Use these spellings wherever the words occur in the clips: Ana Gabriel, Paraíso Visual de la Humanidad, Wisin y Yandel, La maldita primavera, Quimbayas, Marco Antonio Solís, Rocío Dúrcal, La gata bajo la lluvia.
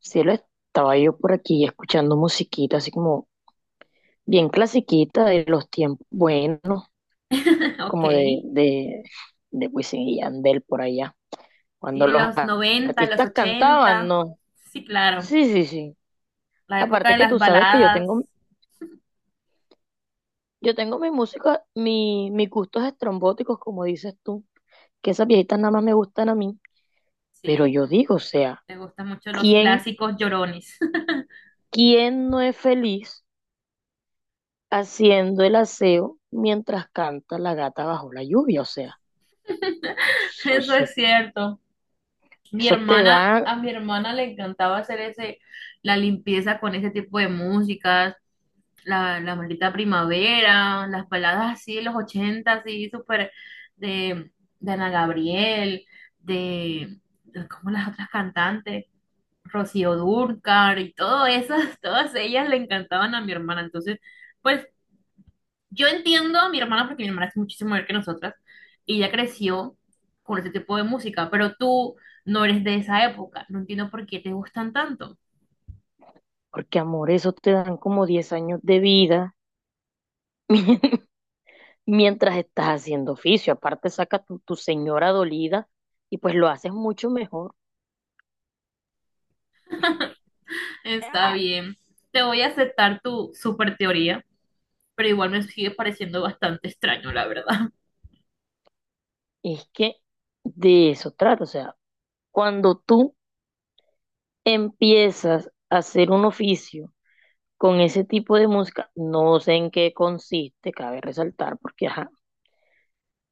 Sí, lo estaba yo por aquí escuchando musiquita, así como bien clasiquita de los tiempos buenos, Ok. como de Wisin y Yandel por allá, Sí, cuando de los los 90, los artistas cantaban, ochenta. ¿no? Sí, claro. Sí, sí, sí. La época Aparte de que las tú sabes que baladas. Yo tengo mi música, mis gustos estrombóticos, como dices tú, que esas viejitas nada más me gustan a mí, pero Sí, yo digo, o sea, me gustan mucho los ¿quién, clásicos llorones. ¿quién no es feliz haciendo el aseo mientras canta la gata bajo la lluvia? O sea. Eso, Eso eso, es cierto. Mi eso te hermana, da, a mi hermana le encantaba la limpieza con ese tipo de músicas, la maldita primavera, las baladas así de los 80, así súper de, de Ana Gabriel, de, ¿cómo las otras cantantes? Rocío Dúrcal y todo esas, todas ellas le encantaban a mi hermana. Entonces, pues yo entiendo a mi hermana porque mi hermana es muchísimo mayor que nosotras y ella creció con ese tipo de música, pero tú no eres de esa época. No entiendo por qué te gustan tanto. porque amor, eso te dan como 10 años de vida mientras estás haciendo oficio. Aparte, saca tu señora dolida y pues lo haces mucho mejor. Está Ah, bien, te voy a aceptar tu super teoría, pero igual me sigue pareciendo bastante extraño, la verdad. es que de eso trata. O sea, cuando tú empiezas a hacer un oficio con ese tipo de música, no sé en qué consiste, cabe resaltar, porque ajá,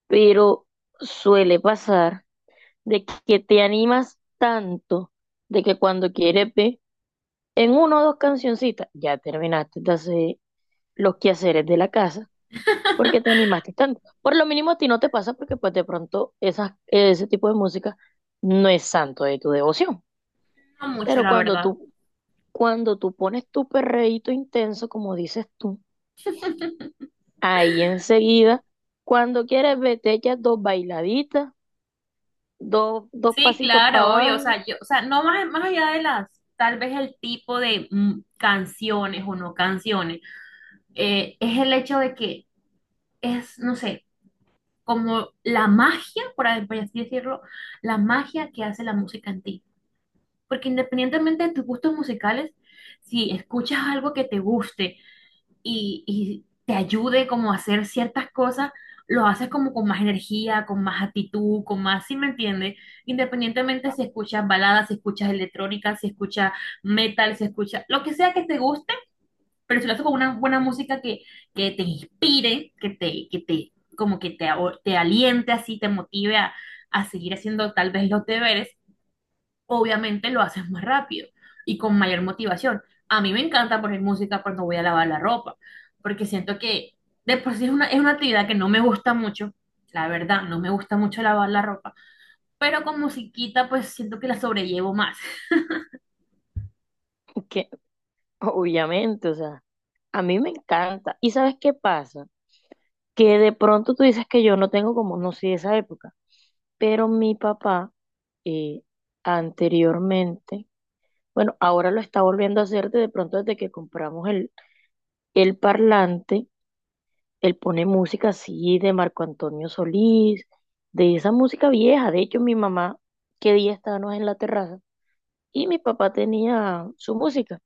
pero suele pasar de que te animas tanto de que cuando quieres ver. En uno o dos cancioncitas ya terminaste de hacer los quehaceres de la casa porque te animaste tanto. Por lo mínimo a ti no te pasa porque pues de pronto esas, ese tipo de música no es santo de tu devoción. No mucho, Pero la verdad. Cuando tú pones tu perreíto intenso, como dices tú, ahí enseguida, cuando quieres ver, te echas dos bailaditas, dos Sí, pasitos para claro, obvio, o abajo, sea, yo, o sea, no más, más allá de las, tal vez el tipo de canciones o no canciones, es el hecho de que es, no sé, como la magia, por así decirlo, la magia que hace la música en ti. Porque independientemente de tus gustos musicales, si escuchas algo que te guste y te ayude como a hacer ciertas cosas, lo haces como con más energía, con más actitud, con más, si me entiendes? Independientemente si escuchas baladas, si escuchas electrónica, si escuchas metal, si escuchas lo que sea que te guste pero si lo haces con una buena música que te inspire, que te, como que te, a- te aliente así, te motive a seguir haciendo tal vez los deberes, obviamente lo haces más rápido y con mayor motivación. A mí me encanta poner música cuando voy a lavar la ropa, porque siento que de por sí es una actividad que no me gusta mucho, la verdad, no me gusta mucho lavar la ropa, pero con musiquita pues siento que la sobrellevo más. que obviamente, o sea, a mí me encanta. ¿Y sabes qué pasa? Que de pronto tú dices que yo no tengo como, no sé, esa época, pero mi papá eh, anteriormente, bueno, ahora lo está volviendo a hacer de pronto desde que compramos el parlante, él pone música así de Marco Antonio Solís, de esa música vieja, de hecho mi mamá, que día estábamos en la terraza, y mi papá tenía su música,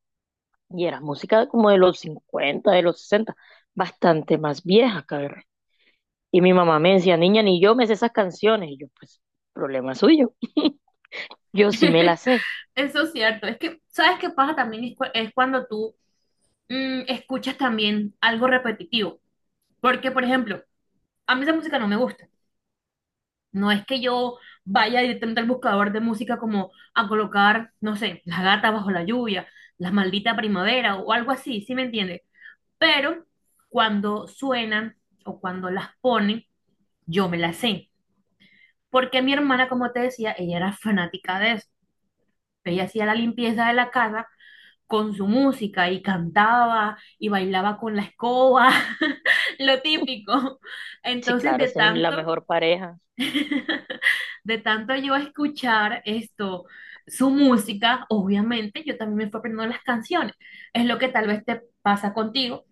y era música como de los 50 de los 60 bastante más vieja, cabe. Y mi mamá me decía, niña, ni yo me sé esas canciones. Y yo, pues, problema suyo. Yo sí me las sé. Eso es cierto. Es que, ¿sabes qué pasa también? Es cuando tú escuchas también algo repetitivo. Porque, por ejemplo, a mí esa música no me gusta. No es que yo vaya directamente al buscador de música como a colocar, no sé, La gata bajo la lluvia, La maldita primavera o algo así, ¿sí me entiendes? Pero cuando suenan o cuando las ponen, yo me las sé. Porque mi hermana, como te decía, ella era fanática de eso. Ella hacía la limpieza de la casa con su música y cantaba y bailaba con la escoba, lo típico. Sí, Entonces, claro, de es la tanto, mejor pareja. de tanto yo escuchar esto, su música, obviamente yo también me fui aprendiendo las canciones. Es lo que tal vez te pasa contigo.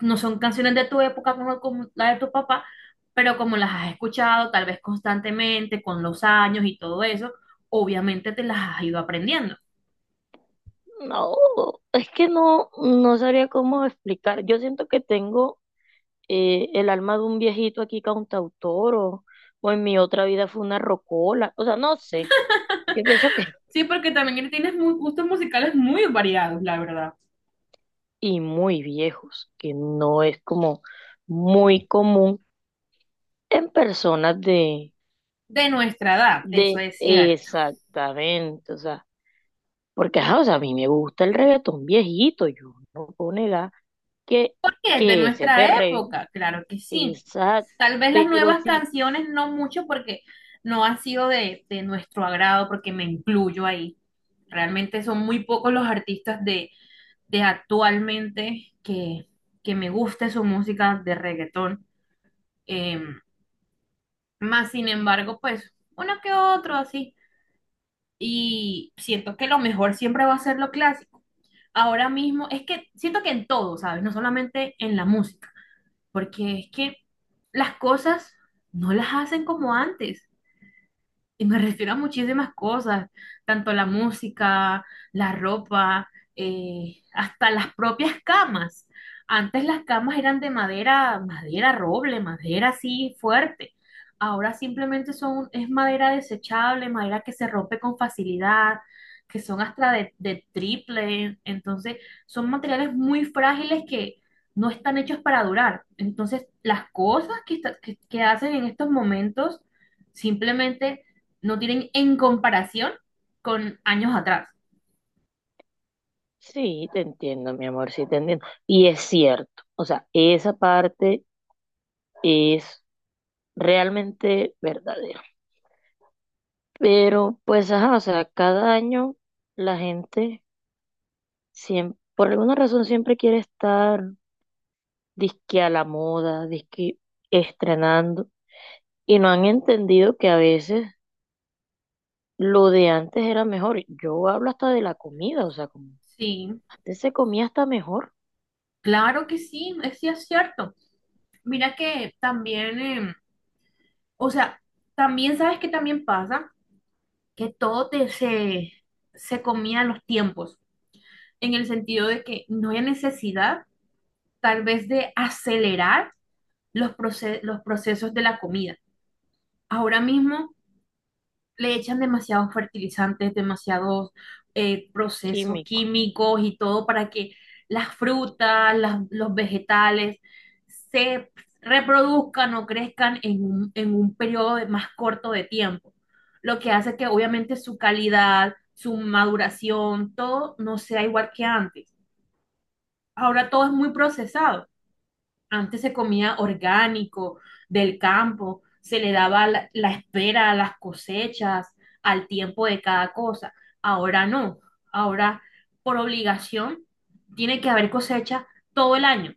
No son canciones de tu época como, como la de tu papá, pero como las has escuchado tal vez constantemente, con los años y todo eso, obviamente te las has ido aprendiendo. No, es que no, no sabría cómo explicar. Yo siento que tengo el alma de un viejito aquí cantautor o en mi otra vida fue una rocola. O sea, no sé. Yo pienso que, Sí, porque también tienes muy, gustos musicales muy variados, la verdad. y muy viejos, que no es como muy común en personas De nuestra edad, eso de, es cierto. exactamente, o sea. Porque, ajá, o sea, a mí me gusta el reggaetón viejito, yo no puedo negar que, ¿Por qué? De que ese nuestra perreo, época, claro que sí. exacto, Tal vez las pero nuevas sí, canciones no mucho porque no ha sido de nuestro agrado, porque me incluyo ahí. Realmente son muy pocos los artistas de actualmente que me guste su música de reggaetón. Eh, Más sin embargo, pues uno que otro así. Y siento que lo mejor siempre va a ser lo clásico. Ahora mismo, es que siento que en todo, ¿sabes? No solamente en la música, porque es que las cosas no las hacen como antes. Y me refiero a muchísimas cosas, tanto la música, la ropa, hasta las propias camas. Antes las camas eran de madera, madera roble, madera así fuerte. Ahora simplemente son, es madera desechable, madera que se rompe con facilidad, que son hasta de triple. Entonces, son materiales muy frágiles que no están hechos para durar. Entonces, las cosas que, que hacen en estos momentos simplemente no tienen en comparación con años atrás. sí, te entiendo, mi amor, sí te entiendo. Y es cierto, o sea, esa parte es realmente verdadera. Pero, pues, ajá, o sea, cada año la gente siempre, por alguna razón siempre quiere estar disque a la moda, disque estrenando, y no han entendido que a veces lo de antes era mejor. Yo hablo hasta de la comida, o sea, como Sí, antes se comía hasta mejor claro que sí es cierto. Mira que también, o sea, también sabes que también pasa que se, se comía en los tiempos, en el sentido de que no hay necesidad tal vez de acelerar los, los procesos de la comida. Ahora mismo le echan demasiados fertilizantes, demasiados procesos químico. químicos y todo para que las frutas, los vegetales se reproduzcan o crezcan en un periodo más corto de tiempo, lo que hace que obviamente su calidad, su maduración, todo no sea igual que antes. Ahora todo es muy procesado. Antes se comía orgánico, del campo, se le daba la, la espera a las cosechas, al tiempo de cada cosa. Ahora no, ahora por obligación tiene que haber cosecha todo el año.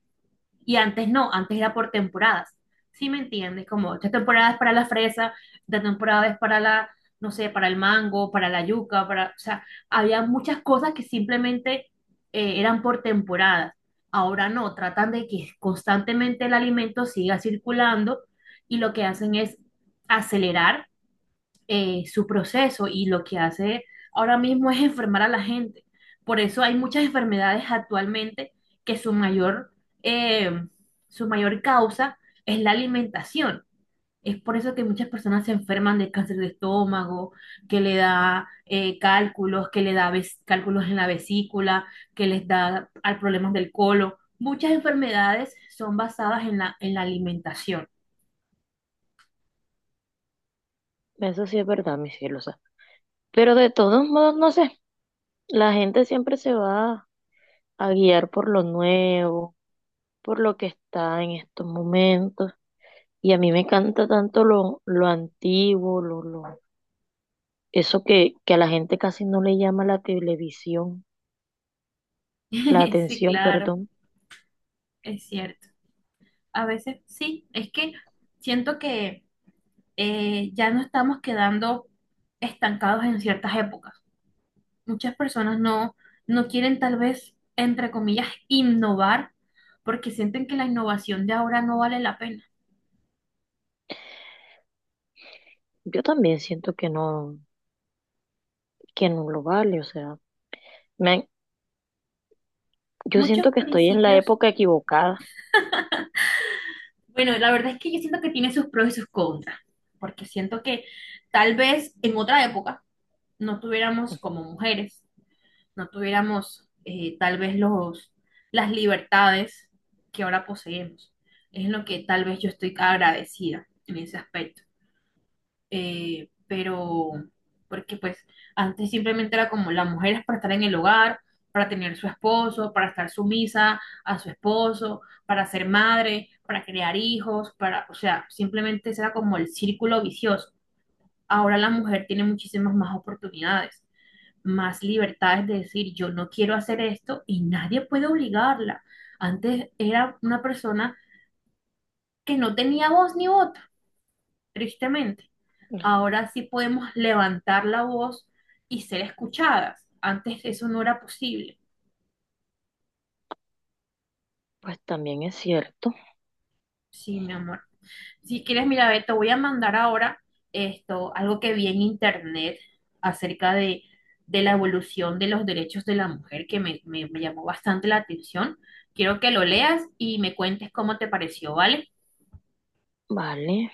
Y antes no, antes era por temporadas. ¿Sí me entiendes? Como esta temporada es para la fresa, esta temporada es para la, no sé, para el mango, para la yuca, para, o sea, había muchas cosas que simplemente eran por temporadas. Ahora no, tratan de que constantemente el alimento siga circulando y lo que hacen es acelerar su proceso y lo que hace ahora mismo es enfermar a la gente. Por eso hay muchas enfermedades actualmente que eh, su mayor causa es la alimentación. Es por eso que muchas personas se enferman de cáncer de estómago, que le da cálculos, que le da cálculos en la vesícula, que les da al problemas del colon. Muchas enfermedades son basadas en la alimentación. Eso sí es verdad, mi cielo, o sea. Pero de todos modos, no sé, la gente siempre se va a guiar por lo nuevo, por lo que está en estos momentos. Y a mí me encanta tanto lo antiguo, eso que a la gente casi no le llama la televisión, la Sí, atención, claro, perdón. es cierto. A veces sí, es que siento que ya no estamos quedando estancados en ciertas épocas. Muchas personas no, no quieren tal vez, entre comillas, innovar porque sienten que la innovación de ahora no vale la pena. Yo también siento que no lo vale, o sea. Me, yo Muchos siento que estoy en la principios, época equivocada. bueno, la verdad es que yo siento que tiene sus pros y sus contras, porque siento que tal vez en otra época no tuviéramos como mujeres no tuviéramos tal vez los, las libertades que ahora poseemos. Es en lo que tal vez yo estoy agradecida en ese aspecto. Eh, pero, porque pues antes simplemente era como las mujeres para estar en el hogar, para tener su esposo, para estar sumisa a su esposo, para ser madre, para crear hijos, para, o sea, simplemente ese era como el círculo vicioso. Ahora la mujer tiene muchísimas más oportunidades más libertades de decir yo no quiero hacer esto y nadie puede obligarla. Antes era una persona que no tenía voz ni voto, tristemente. Pues Ahora sí podemos levantar la voz y ser escuchadas. Antes eso no era posible. pues también es cierto, Sí, mi amor. Si quieres, mira, ve, te voy a mandar ahora esto, algo que vi en internet acerca de la evolución de los derechos de la mujer, que me, me llamó bastante la atención. Quiero que lo leas y me cuentes cómo te pareció, ¿vale? vale.